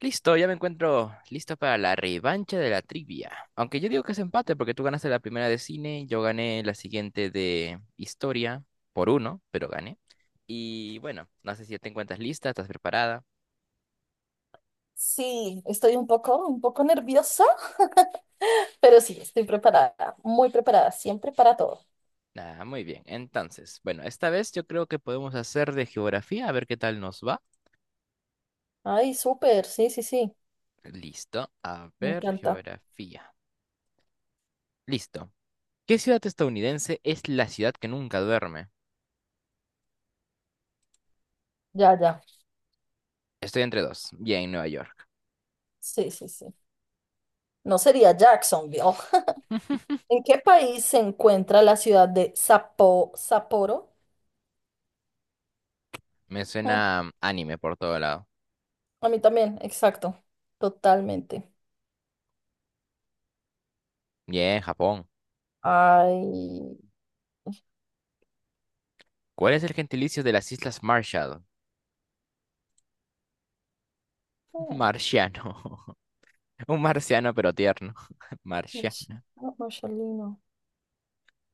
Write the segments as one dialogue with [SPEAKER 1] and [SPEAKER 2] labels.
[SPEAKER 1] Listo, ya me encuentro listo para la revancha de la trivia. Aunque yo digo que es empate porque tú ganaste la primera de cine, yo gané la siguiente de historia por uno, pero gané. Y bueno, no sé si ya te encuentras lista, estás preparada.
[SPEAKER 2] Sí, estoy un poco nerviosa, pero sí, estoy preparada, muy preparada, siempre para todo.
[SPEAKER 1] Ah, muy bien. Entonces, bueno, esta vez yo creo que podemos hacer de geografía, a ver qué tal nos va.
[SPEAKER 2] Ay, súper, sí, sí, sí,
[SPEAKER 1] Listo, a
[SPEAKER 2] me
[SPEAKER 1] ver,
[SPEAKER 2] encanta.
[SPEAKER 1] geografía. Listo. ¿Qué ciudad estadounidense es la ciudad que nunca duerme?
[SPEAKER 2] Ya, ya,
[SPEAKER 1] Estoy entre dos. Bien, Nueva York.
[SPEAKER 2] sí, sí, sí. No sería Jacksonville. Oh, ¿en qué país se encuentra la ciudad de Sapo, Sapporo?
[SPEAKER 1] Me
[SPEAKER 2] Mm,
[SPEAKER 1] suena anime por todo lado.
[SPEAKER 2] a mí también, exacto, totalmente.
[SPEAKER 1] Bien, Japón.
[SPEAKER 2] Ay,
[SPEAKER 1] ¿Cuál es el gentilicio de las Islas Marshall?
[SPEAKER 2] oh,
[SPEAKER 1] Marciano. Un marciano, pero tierno. Marcia.
[SPEAKER 2] Oh, Marcelino.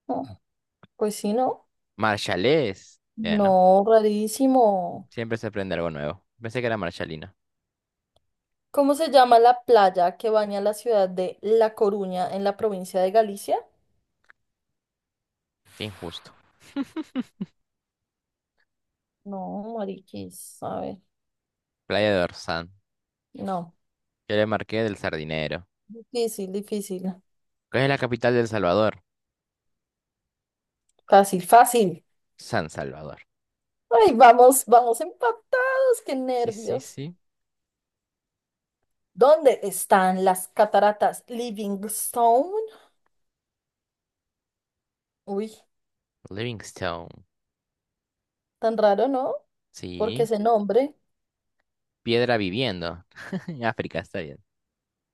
[SPEAKER 2] Oh, pues sí, ¿no?
[SPEAKER 1] Marshallés. Ya, ¿no?
[SPEAKER 2] No, rarísimo.
[SPEAKER 1] Siempre se aprende algo nuevo. Pensé que era Marshallina.
[SPEAKER 2] ¿Cómo se llama la playa que baña la ciudad de La Coruña en la provincia de Galicia?
[SPEAKER 1] Qué injusto.
[SPEAKER 2] No, mariquis, a ver,
[SPEAKER 1] Playa de Orsán.
[SPEAKER 2] no.
[SPEAKER 1] Yo le marqué del Sardinero.
[SPEAKER 2] Difícil, difícil.
[SPEAKER 1] ¿Cuál es la capital de El Salvador?
[SPEAKER 2] Fácil, fácil.
[SPEAKER 1] San Salvador.
[SPEAKER 2] Ay, vamos, vamos empatados, qué
[SPEAKER 1] Sí, sí,
[SPEAKER 2] nervios.
[SPEAKER 1] sí.
[SPEAKER 2] ¿Dónde están las cataratas Livingstone? Uy,
[SPEAKER 1] Livingstone.
[SPEAKER 2] tan raro, ¿no? Porque
[SPEAKER 1] Sí.
[SPEAKER 2] ese nombre.
[SPEAKER 1] Piedra viviendo. África, está bien.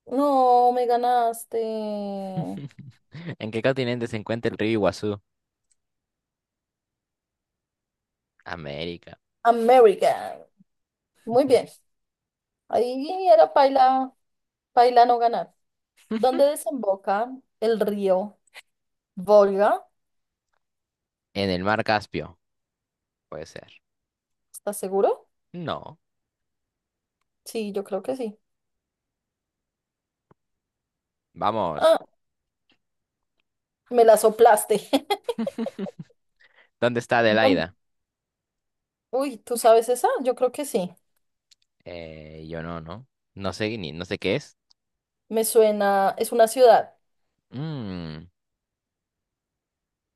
[SPEAKER 2] No, me ganaste.
[SPEAKER 1] ¿En qué continente se encuentra el río Iguazú? América.
[SPEAKER 2] American. Muy bien. Ahí era paila, paila no ganar. ¿Dónde desemboca el río Volga?
[SPEAKER 1] En el mar Caspio. Puede ser.
[SPEAKER 2] ¿Estás seguro?
[SPEAKER 1] No.
[SPEAKER 2] Sí, yo creo que sí.
[SPEAKER 1] Vamos.
[SPEAKER 2] Ah, me la soplaste.
[SPEAKER 1] ¿Dónde está
[SPEAKER 2] ¿Dónde-
[SPEAKER 1] Adelaida?
[SPEAKER 2] Uy, ¿tú sabes esa? Yo creo que sí.
[SPEAKER 1] Yo no, no. No sé ni, no sé qué es.
[SPEAKER 2] Me suena, es una ciudad.
[SPEAKER 1] Mm,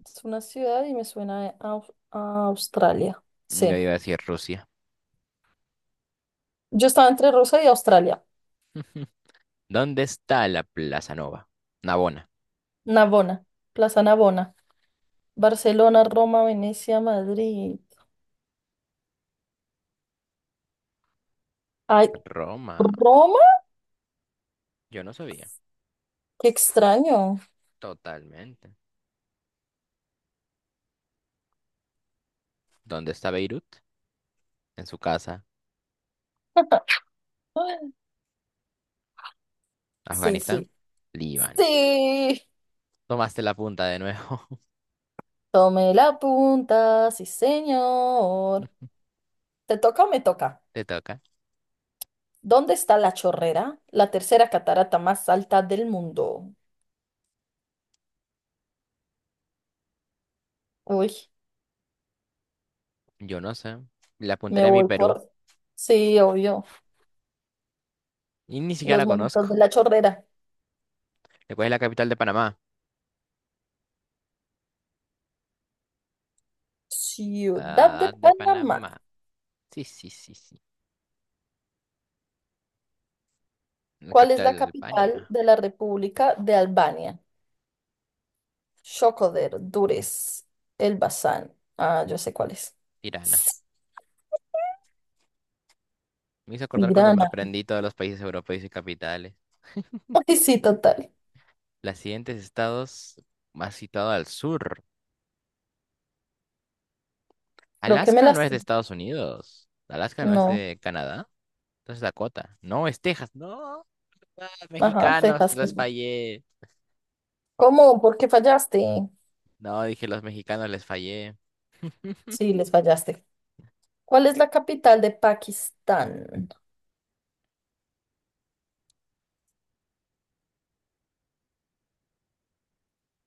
[SPEAKER 2] Es una ciudad y me suena a, a Australia.
[SPEAKER 1] yo
[SPEAKER 2] Sí.
[SPEAKER 1] iba a decir Rusia.
[SPEAKER 2] Yo estaba entre Rusia y Australia.
[SPEAKER 1] ¿Dónde está la Plaza Nova? Navona.
[SPEAKER 2] Navona, Plaza Navona. Barcelona, Roma, Venecia, Madrid. Ay,
[SPEAKER 1] Roma.
[SPEAKER 2] ¿Roma?
[SPEAKER 1] Yo no sabía.
[SPEAKER 2] Qué extraño.
[SPEAKER 1] Totalmente. ¿Dónde está Beirut? En su casa.
[SPEAKER 2] Sí,
[SPEAKER 1] Afganistán.
[SPEAKER 2] sí.
[SPEAKER 1] Líbano.
[SPEAKER 2] Sí.
[SPEAKER 1] Tomaste la punta de nuevo.
[SPEAKER 2] Tome la punta, sí señor. ¿Te toca o me toca?
[SPEAKER 1] Te toca.
[SPEAKER 2] ¿Dónde está la chorrera, la tercera catarata más alta del mundo? Uy,
[SPEAKER 1] Yo no sé. La
[SPEAKER 2] me
[SPEAKER 1] apuntaré a mi
[SPEAKER 2] voy
[SPEAKER 1] Perú.
[SPEAKER 2] por... Sí, obvio.
[SPEAKER 1] Y ni siquiera
[SPEAKER 2] Los
[SPEAKER 1] la
[SPEAKER 2] monitos
[SPEAKER 1] conozco.
[SPEAKER 2] de la chorrera.
[SPEAKER 1] ¿Cuál es la capital de Panamá?
[SPEAKER 2] Ciudad de
[SPEAKER 1] Ah, de
[SPEAKER 2] Panamá.
[SPEAKER 1] Panamá. Sí, sí, sí, sí. La
[SPEAKER 2] ¿Cuál es
[SPEAKER 1] capital
[SPEAKER 2] la
[SPEAKER 1] de
[SPEAKER 2] capital
[SPEAKER 1] Albania,
[SPEAKER 2] de la República de Albania? Shkoder, Durrës, Elbasan. Ah, yo sé cuál es.
[SPEAKER 1] Tirana. Me hizo acordar cuando me
[SPEAKER 2] Tirana.
[SPEAKER 1] aprendí todos los países europeos y capitales.
[SPEAKER 2] Ay, sí, total.
[SPEAKER 1] Los siguientes estados más situados al sur.
[SPEAKER 2] Creo que me
[SPEAKER 1] Alaska no
[SPEAKER 2] las...
[SPEAKER 1] es de Estados Unidos. Alaska no es
[SPEAKER 2] No.
[SPEAKER 1] de Canadá. Entonces Dakota. No, es Texas. No, ah,
[SPEAKER 2] Ajá,
[SPEAKER 1] mexicanos, te
[SPEAKER 2] Texas.
[SPEAKER 1] los fallé.
[SPEAKER 2] ¿Cómo? ¿Por qué fallaste?
[SPEAKER 1] No, dije los mexicanos les fallé.
[SPEAKER 2] Sí, les fallaste. ¿Cuál es la capital de Pakistán?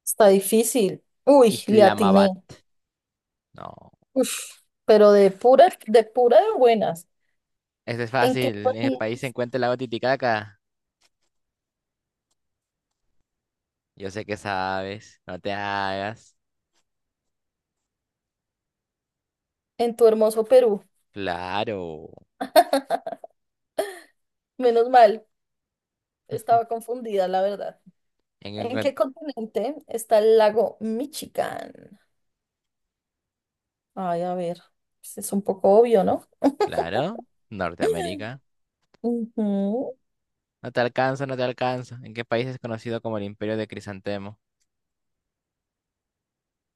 [SPEAKER 2] Está difícil. Uy, le atiné.
[SPEAKER 1] Islamabad. No.
[SPEAKER 2] Uf, pero de pura de buenas.
[SPEAKER 1] Este es
[SPEAKER 2] ¿En qué
[SPEAKER 1] fácil. En el
[SPEAKER 2] país?
[SPEAKER 1] país se encuentra el lago Titicaca. Yo sé que sabes. No te hagas.
[SPEAKER 2] En tu hermoso Perú.
[SPEAKER 1] Claro.
[SPEAKER 2] Menos mal, estaba confundida, la verdad. ¿En
[SPEAKER 1] En,
[SPEAKER 2] qué continente está el lago Michigan? Ay, a ver, pues es un poco obvio, ¿no?
[SPEAKER 1] Claro, Norteamérica.
[SPEAKER 2] Ujú.
[SPEAKER 1] No te alcanza, no te alcanza. ¿En qué país es conocido como el Imperio de Crisantemo?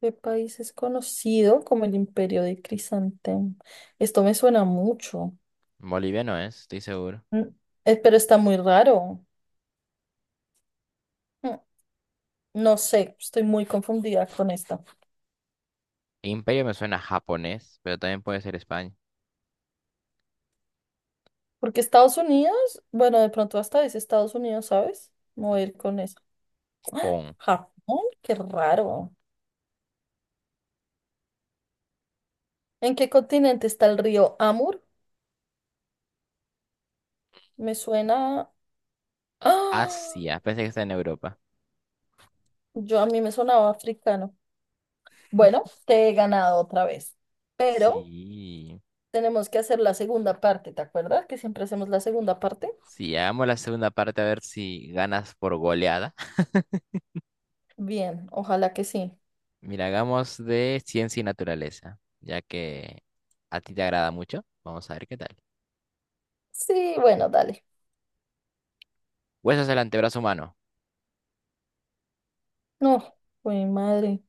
[SPEAKER 2] De países conocido como el Imperio de Crisantemo. Esto me suena mucho,
[SPEAKER 1] Bolivia no es, estoy seguro.
[SPEAKER 2] mm. Pero está muy raro. Mm, No sé, estoy muy confundida con esta.
[SPEAKER 1] Imperio me suena a japonés, pero también puede ser España.
[SPEAKER 2] Porque Estados Unidos, bueno, de pronto hasta dice Estados Unidos, ¿sabes? Me voy a ir con eso.
[SPEAKER 1] Pon.
[SPEAKER 2] Japón, qué raro. ¿En qué continente está el río Amur? Me suena. ¡Ah!
[SPEAKER 1] Asia, pensé que está en Europa.
[SPEAKER 2] Yo a mí me sonaba africano. Bueno, te he ganado otra vez. Pero.
[SPEAKER 1] Sí.
[SPEAKER 2] Tenemos que hacer la segunda parte, ¿te acuerdas? Que siempre hacemos la segunda parte.
[SPEAKER 1] Sí, hagamos la segunda parte a ver si ganas por goleada.
[SPEAKER 2] Bien, ojalá que sí.
[SPEAKER 1] Mira, hagamos de ciencia y naturaleza, ya que a ti te agrada mucho. Vamos a ver qué tal.
[SPEAKER 2] Sí, bueno, dale.
[SPEAKER 1] Huesos del antebrazo humano.
[SPEAKER 2] No, mi madre.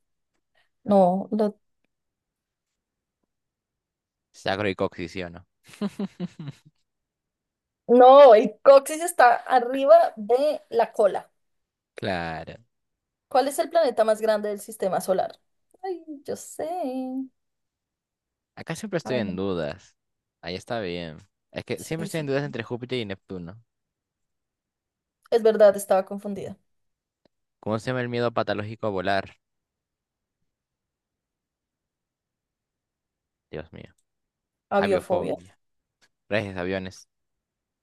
[SPEAKER 2] No, la-
[SPEAKER 1] Sacro y coxis, ¿sí o no?
[SPEAKER 2] no, el coxis está arriba de la cola.
[SPEAKER 1] Claro.
[SPEAKER 2] ¿Cuál es el planeta más grande del sistema solar? Ay, yo sé.
[SPEAKER 1] Acá siempre estoy
[SPEAKER 2] Ay,
[SPEAKER 1] en
[SPEAKER 2] no.
[SPEAKER 1] dudas. Ahí está bien. Es que
[SPEAKER 2] Sí,
[SPEAKER 1] siempre estoy en
[SPEAKER 2] sí.
[SPEAKER 1] dudas entre Júpiter y Neptuno.
[SPEAKER 2] Es verdad, estaba confundida.
[SPEAKER 1] ¿Cómo se llama el miedo patológico a volar? Dios mío.
[SPEAKER 2] Aviofobia.
[SPEAKER 1] Aviofobia. Reyes, aviones.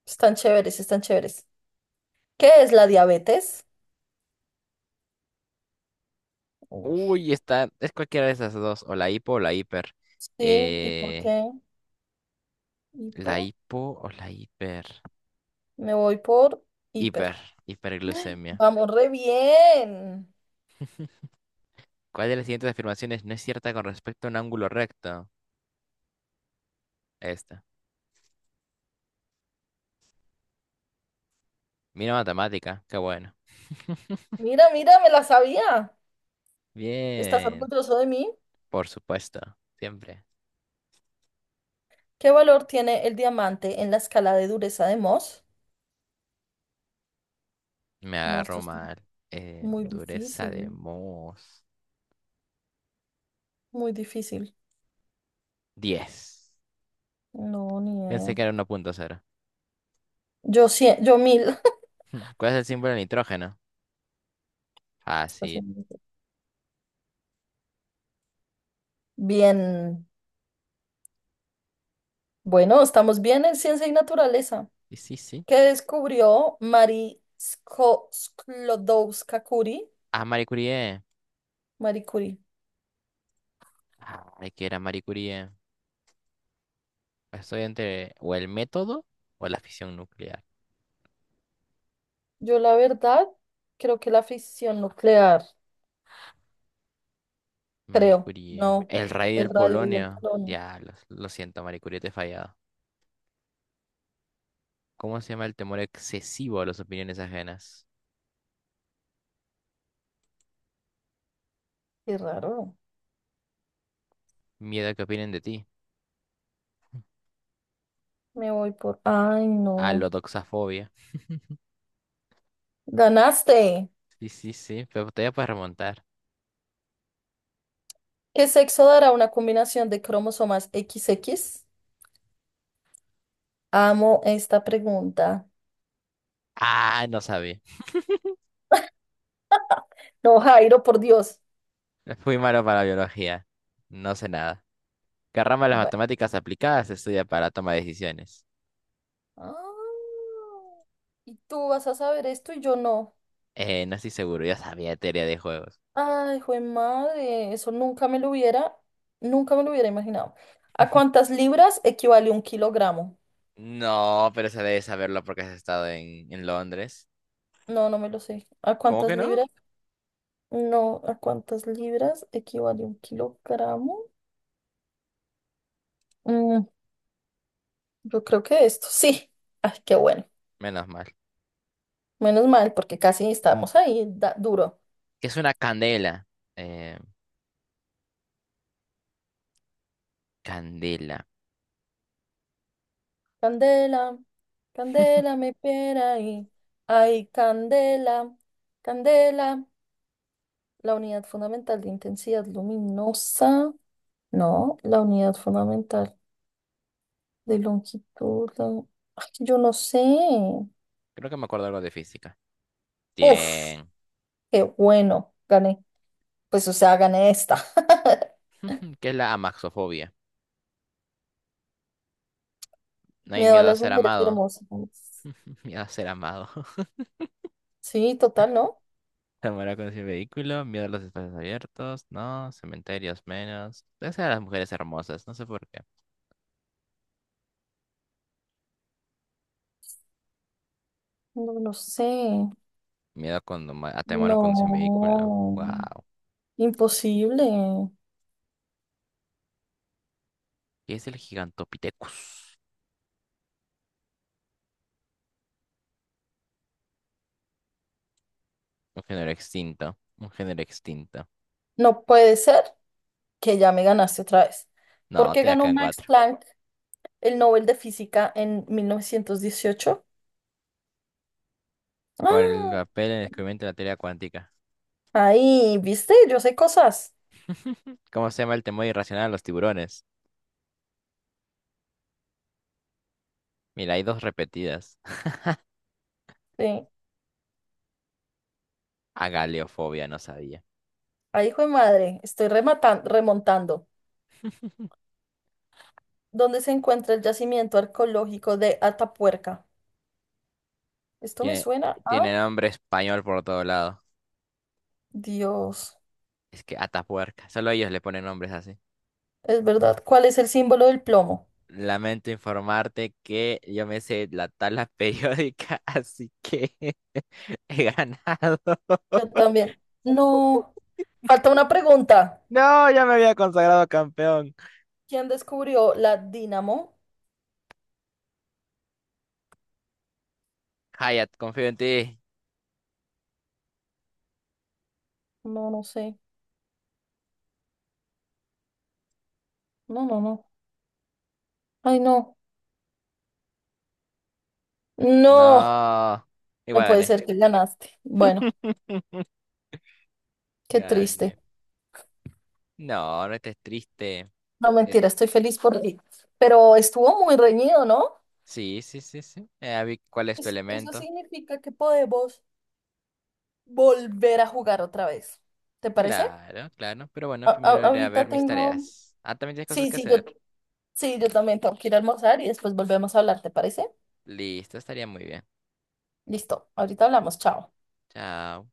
[SPEAKER 2] Están chéveres, están chéveres. ¿Qué es la diabetes? Ush.
[SPEAKER 1] Uy, está. Es cualquiera de esas dos. O la hipo o la hiper.
[SPEAKER 2] Sí, ¿y por
[SPEAKER 1] Eh,
[SPEAKER 2] qué?
[SPEAKER 1] la
[SPEAKER 2] Hipo.
[SPEAKER 1] hipo o la hiper.
[SPEAKER 2] Me voy por hiper.
[SPEAKER 1] Hiper. Hiperglucemia.
[SPEAKER 2] Vamos re bien.
[SPEAKER 1] ¿Cuál de las siguientes afirmaciones no es cierta con respecto a un ángulo recto? Esta. Mira matemática. Qué bueno.
[SPEAKER 2] Mira, mira, me la sabía. ¿Estás
[SPEAKER 1] Bien.
[SPEAKER 2] orgulloso de mí?
[SPEAKER 1] Por supuesto. Siempre.
[SPEAKER 2] ¿Qué valor tiene el diamante en la escala de dureza de Mohs?
[SPEAKER 1] Me
[SPEAKER 2] No, esto
[SPEAKER 1] agarró
[SPEAKER 2] es
[SPEAKER 1] mal.
[SPEAKER 2] muy
[SPEAKER 1] Dureza de
[SPEAKER 2] difícil,
[SPEAKER 1] mos.
[SPEAKER 2] muy difícil.
[SPEAKER 1] 10.
[SPEAKER 2] No, ni
[SPEAKER 1] Pensé
[SPEAKER 2] idea.
[SPEAKER 1] que era 1.0
[SPEAKER 2] Yo cien, yo mil.
[SPEAKER 1] ¿Cuál es el símbolo del nitrógeno?
[SPEAKER 2] Está
[SPEAKER 1] Fácil.
[SPEAKER 2] siendo difícil. Bien. Bueno, estamos bien en ciencia y naturaleza.
[SPEAKER 1] Y sí, sí.
[SPEAKER 2] ¿Qué descubrió Marie Sklodowska Curie?
[SPEAKER 1] Ah, Marie Curie.
[SPEAKER 2] Marie Curie.
[SPEAKER 1] Ay, que era Marie Curie. Estoy entre o el método o la fisión nuclear.
[SPEAKER 2] Yo la verdad creo que la fisión nuclear.
[SPEAKER 1] Marie
[SPEAKER 2] Creo.
[SPEAKER 1] Curie.
[SPEAKER 2] No,
[SPEAKER 1] El rey
[SPEAKER 2] el
[SPEAKER 1] del
[SPEAKER 2] radio y el
[SPEAKER 1] polonio.
[SPEAKER 2] polonio.
[SPEAKER 1] Ya, lo siento, Marie Curie, te he fallado. ¿Cómo se llama el temor excesivo a las opiniones ajenas?
[SPEAKER 2] Qué raro.
[SPEAKER 1] Miedo a que opinen de ti.
[SPEAKER 2] Me voy por... Ay,
[SPEAKER 1] Ah, la
[SPEAKER 2] no.
[SPEAKER 1] doxafobia.
[SPEAKER 2] Ganaste.
[SPEAKER 1] Sí, sí, sí, pero todavía puedes remontar.
[SPEAKER 2] ¿Qué sexo dará una combinación de cromosomas XX? Amo esta pregunta.
[SPEAKER 1] Ah, no sabía.
[SPEAKER 2] No, Jairo, por Dios.
[SPEAKER 1] Fui malo para la biología. No sé nada. ¿Qué rama de las
[SPEAKER 2] Bueno.
[SPEAKER 1] matemáticas aplicadas se estudia para toma de decisiones?
[SPEAKER 2] Ah, y tú vas a saber esto y yo no.
[SPEAKER 1] No estoy seguro, yo sabía de teoría de juegos.
[SPEAKER 2] Ay, jue madre, eso nunca me lo hubiera, nunca me lo hubiera imaginado. ¿A cuántas libras equivale un kilogramo?
[SPEAKER 1] No, pero se debe saberlo porque has estado en Londres.
[SPEAKER 2] No, no me lo sé. ¿A
[SPEAKER 1] ¿Cómo
[SPEAKER 2] cuántas
[SPEAKER 1] que no?
[SPEAKER 2] libras? No, ¿a cuántas libras equivale un kilogramo? Mm, yo creo que esto, sí. Ay, qué bueno.
[SPEAKER 1] Menos mal.
[SPEAKER 2] Menos mal, porque casi estábamos ahí, duro.
[SPEAKER 1] ¿Qué es una candela? Eh, candela.
[SPEAKER 2] Candela, candela, me pera ahí. Ay, candela, candela. La unidad fundamental de intensidad luminosa. No, la unidad fundamental de longitud. Ay, yo no sé.
[SPEAKER 1] Creo que me acuerdo algo de física.
[SPEAKER 2] Uf,
[SPEAKER 1] Bien.
[SPEAKER 2] qué bueno. Gané. Pues, o sea, gané esta.
[SPEAKER 1] ¿Qué es la amaxofobia? No hay
[SPEAKER 2] Miedo a
[SPEAKER 1] miedo a
[SPEAKER 2] las
[SPEAKER 1] ser
[SPEAKER 2] mujeres
[SPEAKER 1] amado.
[SPEAKER 2] hermosas.
[SPEAKER 1] Miedo a ser amado.
[SPEAKER 2] Sí, total, ¿no?
[SPEAKER 1] Zamora con su vehículo, miedo a los espacios abiertos, no, cementerios menos. Esa a las mujeres hermosas, no sé por qué.
[SPEAKER 2] No lo sé.
[SPEAKER 1] Miedo cuando ma- a temor con un vehículo.
[SPEAKER 2] No.
[SPEAKER 1] Wow.
[SPEAKER 2] Imposible.
[SPEAKER 1] ¿Qué es el Gigantopithecus? Un género extinto. Un género extinto.
[SPEAKER 2] No puede ser que ya me ganaste otra vez. ¿Por
[SPEAKER 1] No,
[SPEAKER 2] qué
[SPEAKER 1] te da
[SPEAKER 2] ganó
[SPEAKER 1] acá en
[SPEAKER 2] Max
[SPEAKER 1] cuatro.
[SPEAKER 2] Planck el Nobel de Física en 1918?
[SPEAKER 1] Por el
[SPEAKER 2] Ah,
[SPEAKER 1] papel en el descubrimiento de la teoría cuántica.
[SPEAKER 2] ahí, ¿viste? Yo sé cosas.
[SPEAKER 1] ¿Cómo se llama el temor irracional a los tiburones? Mira, hay dos repetidas.
[SPEAKER 2] Sí.
[SPEAKER 1] Agaleofobia, no sabía.
[SPEAKER 2] Ay, hijo de madre, estoy remontando. ¿Dónde se encuentra el yacimiento arqueológico de Atapuerca? Esto me
[SPEAKER 1] Tiene,
[SPEAKER 2] suena
[SPEAKER 1] tiene
[SPEAKER 2] a
[SPEAKER 1] nombre español por todo lado.
[SPEAKER 2] Dios.
[SPEAKER 1] Es que Atapuerca. Solo ellos le ponen nombres así.
[SPEAKER 2] Es verdad. ¿Cuál es el símbolo del plomo?
[SPEAKER 1] Lamento informarte que yo me sé la tabla periódica, así que he ganado.
[SPEAKER 2] Yo también. No. Falta una pregunta.
[SPEAKER 1] No, ya me había consagrado campeón.
[SPEAKER 2] ¿Quién descubrió la dínamo?
[SPEAKER 1] Hayat, confío en ti.
[SPEAKER 2] No, no sé. No, no, no. Ay, no. No.
[SPEAKER 1] No,
[SPEAKER 2] No
[SPEAKER 1] igual
[SPEAKER 2] puede
[SPEAKER 1] gané.
[SPEAKER 2] ser que ganaste. Bueno, qué triste.
[SPEAKER 1] Gané. No, no estés triste.
[SPEAKER 2] No,
[SPEAKER 1] Eh,
[SPEAKER 2] mentira, estoy feliz por ti. Pero estuvo muy reñido, ¿no?
[SPEAKER 1] sí, sí, sí, sí. Ya vi cuál es tu
[SPEAKER 2] Eso
[SPEAKER 1] elemento.
[SPEAKER 2] significa que podemos volver a jugar otra vez. ¿Te parece?
[SPEAKER 1] Claro, claro. Pero bueno, primero iré a
[SPEAKER 2] Ahorita
[SPEAKER 1] ver mis
[SPEAKER 2] tengo...
[SPEAKER 1] tareas. Ah, también tienes cosas
[SPEAKER 2] Sí,
[SPEAKER 1] que
[SPEAKER 2] sí, yo,
[SPEAKER 1] hacer.
[SPEAKER 2] sí, yo también tengo que ir a almorzar y después volvemos a hablar, ¿te parece?
[SPEAKER 1] Listo, estaría muy bien.
[SPEAKER 2] Listo, ahorita hablamos, chao.
[SPEAKER 1] Chao.